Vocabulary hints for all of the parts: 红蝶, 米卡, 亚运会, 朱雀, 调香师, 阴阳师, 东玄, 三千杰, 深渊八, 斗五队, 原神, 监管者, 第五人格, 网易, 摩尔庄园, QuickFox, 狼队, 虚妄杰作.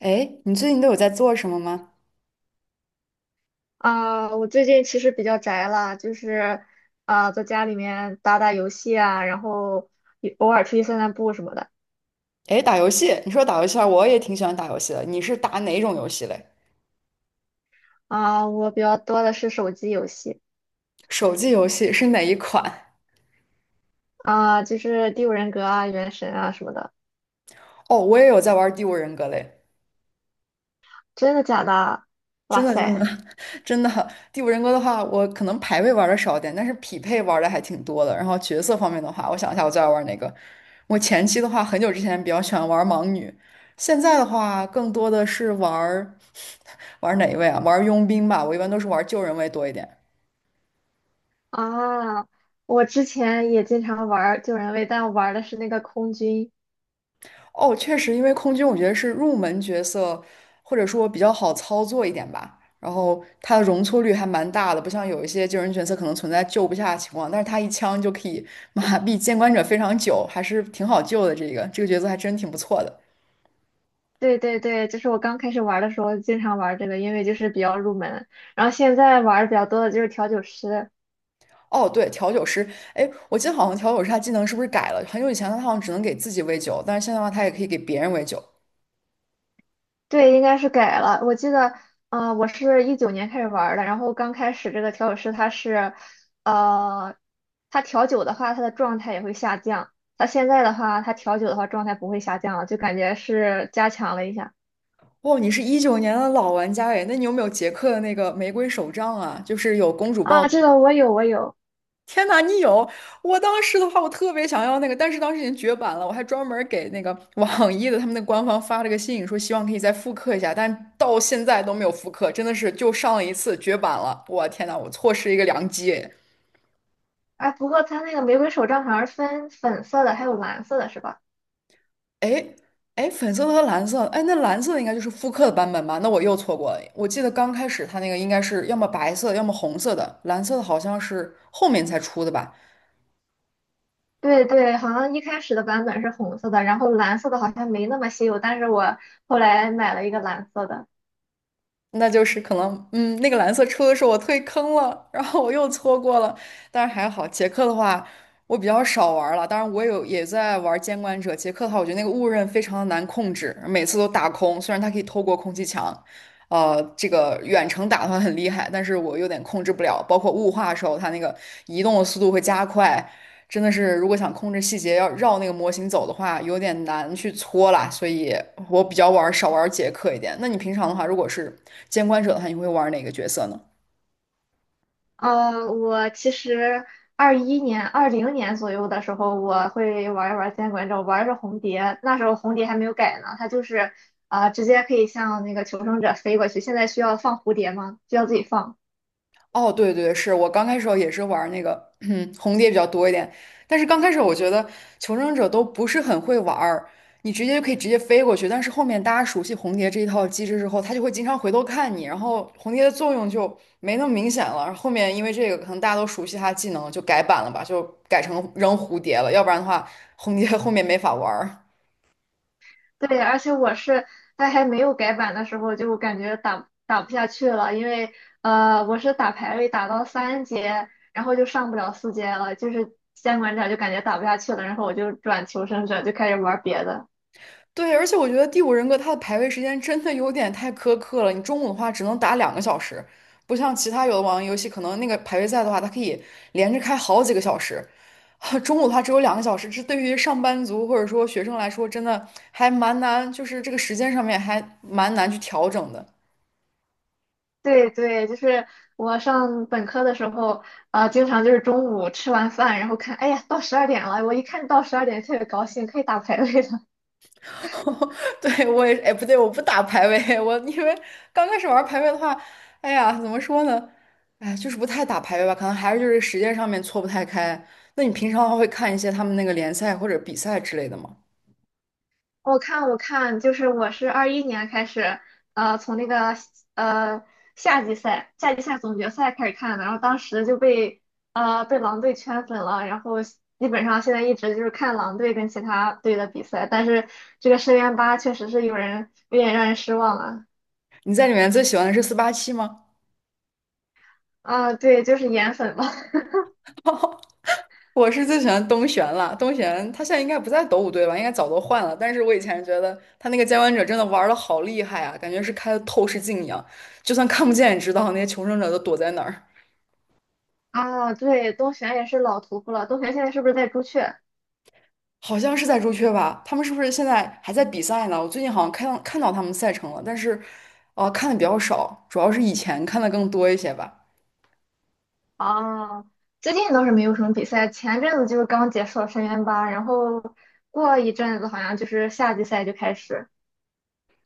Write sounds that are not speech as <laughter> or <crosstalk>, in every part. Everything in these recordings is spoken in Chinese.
哎，你最近都有在做什么吗？啊，我最近其实比较宅了，就是啊，在家里面打打游戏啊，然后也偶尔出去散散步什么的。哎，打游戏，你说打游戏啊，我也挺喜欢打游戏的。你是打哪种游戏嘞？啊，我比较多的是手机游戏手机游戏是哪一款？啊，就是《第五人格》啊、《原神》啊什么的。哦，我也有在玩《第五人格》嘞，真的假的？真哇的，真的 塞！<laughs>，真的，《第五人格》的话，我可能排位玩的少点，但是匹配玩的还挺多的。然后角色方面的话，我想一下，我最爱玩哪个？我前期的话，很久之前比较喜欢玩盲女，现在的话，更多的是玩哪一位啊？玩佣兵吧，我一般都是玩救人位多一点。啊，我之前也经常玩儿救人位，但我玩儿的是那个空军。哦，确实，因为空军我觉得是入门角色，或者说比较好操作一点吧。然后它的容错率还蛮大的，不像有一些救人角色可能存在救不下的情况，但是他一枪就可以麻痹监管者非常久，还是挺好救的。这个角色还真挺不错的。对对对，就是我刚开始玩儿的时候经常玩儿这个，因为就是比较入门。然后现在玩儿的比较多的就是调酒师。哦，对，调酒师，哎，我记得好像调酒师他技能是不是改了？很久以前他好像只能给自己喂酒，但是现在的话他也可以给别人喂酒。对，应该是改了。我记得，我是19年开始玩儿的，然后刚开始这个调酒师呃，他调酒的话，他的状态也会下降。他现在的话，他调酒的话，状态不会下降了，就感觉是加强了一下。哦，你是19年的老玩家哎，那你有没有杰克的那个玫瑰手杖啊？就是有公主抱啊，的。这个我有，我有。天呐，你有！我当时的话，我特别想要那个，但是当时已经绝版了。我还专门儿给那个 <laughs> 网易的他们的官方发了个信，说希望可以再复刻一下，但到现在都没有复刻，真的是就上了一次绝版了。我天呐，我错失一个良机诶！哎，不过他那个玫瑰手杖好像是分粉色的，还有蓝色的，是吧？哎哎，粉色的和蓝色，哎，那蓝色的应该就是复刻的版本吧？那我又错过了。我记得刚开始它那个应该是要么白色，要么红色的，蓝色的好像是后面才出的吧？对对，好像一开始的版本是红色的，然后蓝色的好像没那么稀有，但是我后来买了一个蓝色的。那就是可能，嗯，那个蓝色车候我退坑了，然后我又错过了。但是还好，捷克的话我比较少玩儿了。当然，我有也在玩监管者。捷克的话，我觉得那个雾刃非常的难控制，每次都打空。虽然它可以透过空气墙，这个远程打的话很厉害，但是我有点控制不了。包括雾化的时候，它那个移动的速度会加快，真的是如果想控制细节，要绕那个模型走的话，有点难去搓啦。所以我比较玩少玩杰克一点。那你平常的话，如果是监管者的话，你会玩哪个角色呢？我其实二一年、20年左右的时候，我会玩一玩《监管者，玩着红蝶。那时候红蝶还没有改呢，它就是直接可以向那个求生者飞过去。现在需要放蝴蝶吗？需要自己放。哦，对对，是我刚开始也是玩那个 <clears throat> 红蝶比较多一点，但是刚开始我觉得求生者都不是很会玩儿，你直接就可以直接飞过去，但是后面大家熟悉红蝶这一套机制之后，他就会经常回头看你，然后红蝶的作用就没那么明显了。然后后面因为这个，可能大家都熟悉他的技能，就改版了吧，就改成扔蝴蝶了，要不然的话红蝶后面没法玩儿。对，而且我是在还没有改版的时候，就感觉打不下去了，因为我是打排位打到三阶，然后就上不了四阶了，就是监管者就感觉打不下去了，然后我就转求生者，就开始玩别的。对，而且我觉得《第五人格》它的排位时间真的有点太苛刻了。你中午的话只能打两个小时，不像其他有的网页游戏，可能那个排位赛的话，它可以连着开好几个小时。<laughs> 中午的话只有2个小时，这对于上班族或者说学生来说，真的还蛮难，就是这个时间上面还蛮难去调整的。对对，就是我上本科的时候，经常就是中午吃完饭，然后看，哎呀，到十二点了，我一看到十二点特别高兴，可以打排位了。<laughs> 对，我也，哎，不对，我不打排位，我因为刚开始玩排位的话，哎呀，怎么说呢？哎，就是不太打排位吧，可能还是就是时间上面错不太开。那你平常的话会看一些他们那个联赛或者比赛之类的吗？<laughs> 我看，我看，就是我是二一年开始，从那个呃夏季赛总决赛开始看的，然后当时就被狼队圈粉了，然后基本上现在一直就是看狼队跟其他队的比赛，但是这个深渊八确实是有人有点让人失望了你在里面最喜欢的是487吗？啊，对，就是颜粉吧。<laughs> <laughs> 我是最喜欢东玄了，东玄他现在应该不在斗五队吧，应该早都换了。但是我以前觉得他那个监管者真的玩的好厉害啊，感觉是开了透视镜一样，就算看不见也知道那些求生者都躲在哪儿。啊，对，东玄也是老屠夫了。东玄现在是不是在朱雀？好像是在朱雀吧？他们是不是现在还在比赛呢？我最近好像看到他们赛程了，但是，看的比较少，主要是以前看的更多一些吧。啊，最近倒是没有什么比赛，前阵子就是刚结束了深渊八，然后过一阵子好像就是夏季赛就开始。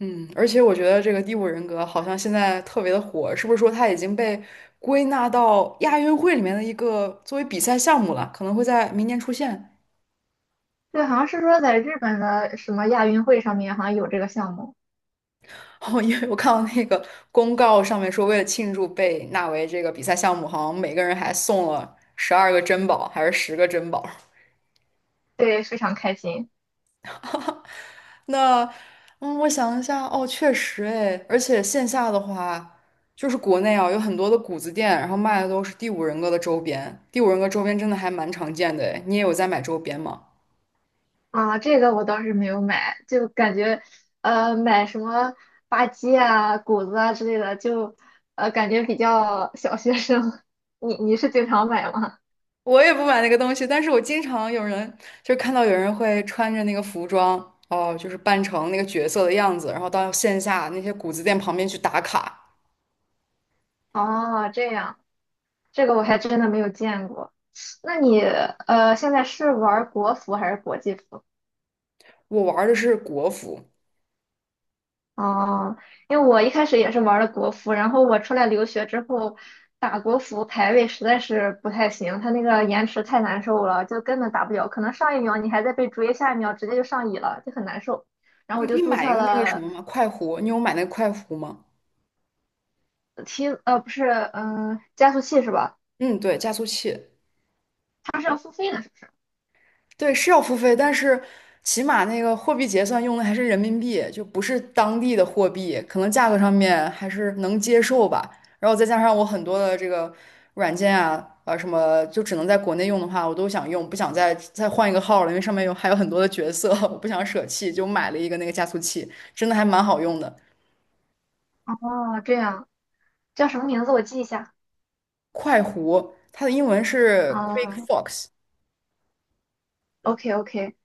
嗯，而且我觉得这个第五人格好像现在特别的火，是不是说它已经被归纳到亚运会里面的一个作为比赛项目了？可能会在明年出现。对，好像是说在日本的什么亚运会上面好像有这个项目，<laughs> 哦，因为我看到那个公告上面说，为了庆祝被纳为这个比赛项目，好像每个人还送了12个珍宝，还是10个珍宝。对，非常开心 <laughs> 那，嗯，我想一下，哦，确实，哎，而且线下的话，就是国内啊，有很多的谷子店，然后卖的都是第五人格的周边。第五人格周边真的还蛮常见的，哎，你也有在买周边吗？<laughs> 啊。这个我倒是没有买，就感觉买什么吧唧啊、谷子啊之类的，就感觉比较小学生。<laughs> 你是经常买吗？我也不买那个东西，但是我经常有人就是看到有人会穿着那个服装，哦，就是扮成那个角色的样子，然后到线下那些谷子店旁边去打卡。哦，这样这个我还真的没有见过。那你现在是玩国服还是国际服？我玩的是国服，哦，因为我一开始也是玩的国服，然后我出来留学之后，打国服排位实在是不太行，它那个延迟太难受了，就根本打不了。可能上一秒你还在被追，下一秒直接就上椅了，就很难受。然后你我可就以注买一册个那个什了 么吗？快壶，你有买那个快壶吗？不是，嗯、加速器是吧？嗯，对，加速器。它是要付费的是吧。对，是要付费，但是起码那个货币结算用的还是人民币，就不是当地的货币，可能价格上面还是能接受吧。然后再加上我很多的这个软件啊，啊什么就只能在国内用的话，我都想用，不想再换一个号了，因为上面有还有很多的角色，<laughs> 我不想舍弃，就买了一个那个加速器，真的还蛮好用的。哦，这样叫什么名字？我记一下。快狐，它的英文是 嗯 QuickFox，，OK OK。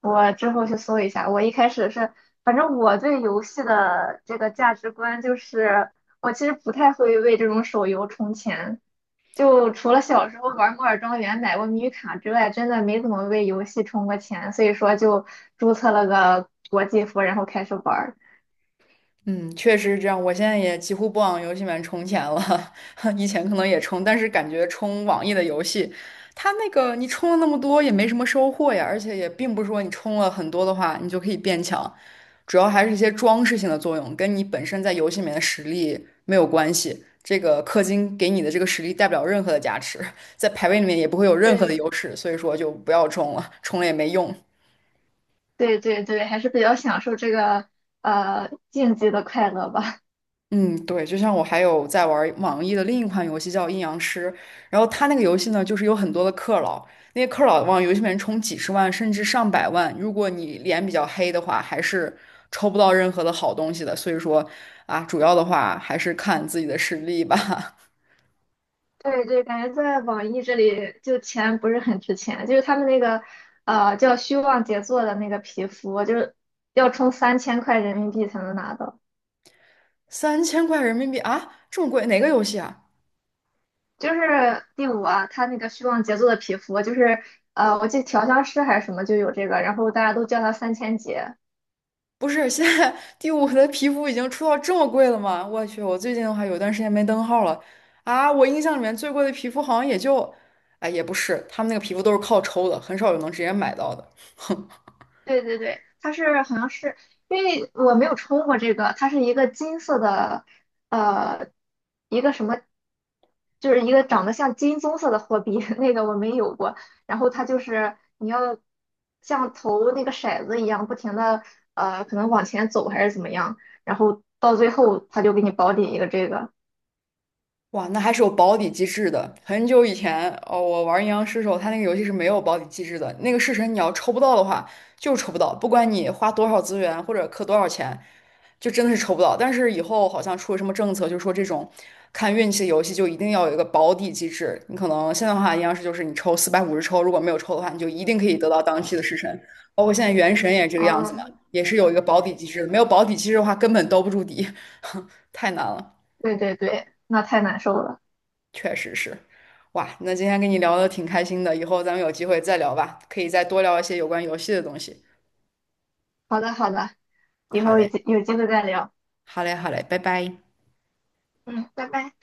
我之后去搜一下。我一开始是，反正我对游戏的这个价值观就是，我其实不太会为这种手游充钱，就除了小时候玩《摩尔庄园》买过米卡之外，真的没怎么为游戏充过钱，所以说就注册了个国际服，然后开始玩儿。嗯，确实是这样。我现在也几乎不往游戏里面充钱了，<laughs> 以前可能也充，但是感觉充网易的游戏，它那个你充了那么多也没什么收获呀，而且也并不是说你充了很多的话你就可以变强，主要还是一些装饰性的作用，跟你本身在游戏里面的实力没有关系。这个氪金给你的这个实力带不了任何的加持，在排位里面也不会有任何的优对势，所以说就不要充了，充了也没用。对对对，还是比较享受这个竞技的快乐吧。嗯，对，就像我还有在玩网易的另一款游戏叫《阴阳师》，然后它那个游戏呢，就是有很多的氪佬，那些氪佬往游戏里面充几十万甚至上百万，如果你脸比较黑的话，还是抽不到任何的好东西的。所以说啊，主要的话还是看自己的实力吧。对对，感觉在网易这里就钱不是很值钱，就是他们那个叫虚妄杰作的那个皮肤，就是要充3000块人民币才能拿到。<laughs> 3000块人民币啊，这么贵，哪个游戏啊？就是第五啊，他那个虚妄杰作的皮肤，就是我记得调香师还是什么就有这个，然后大家都叫他三千杰。不是，现在第五的皮肤已经出到这么贵了吗？我去，我最近的话有段时间没登号了啊！我印象里面最贵的皮肤好像也就，哎，也不是，他们那个皮肤都是靠抽的，很少有能直接买到的。<laughs> 哼。对对对，它是好像是因为我没有抽过这个，它是一个金色的，呃，一个什么，就是一个长得像金棕色的货币，<laughs> 那个我没有过。然后它就是你要像投那个骰子一样，不停的可能往前走还是怎么样，然后到最后它就给你保底一个这个。哇，那还是有保底机制的。很久以前，哦，我玩阴阳师的时候，它那个游戏是没有保底机制的。那个式神你要抽不到的话，就是抽不到，不管你花多少资源或者氪多少钱，就真的是抽不到。但是以后好像出了什么政策，就说这种看运气的游戏就一定要有一个保底机制。你可能现在的话，阴阳师就是你抽450抽，如果没有抽的话，你就一定可以得到当期的式神。包括现在原神也是这个样子嘛，嗯，也是有一个保底机制的。没有保底机制的话，根本兜不住底，<laughs> 太难了。对对对，那太难受了。确实是，哇，那今天跟你聊的挺开心的，以后咱们有机会再聊吧，可以再多聊一些有关游戏的东西。好的好的，以好后有嘞，机有机会再聊。好嘞，好嘞，拜拜。嗯，拜拜。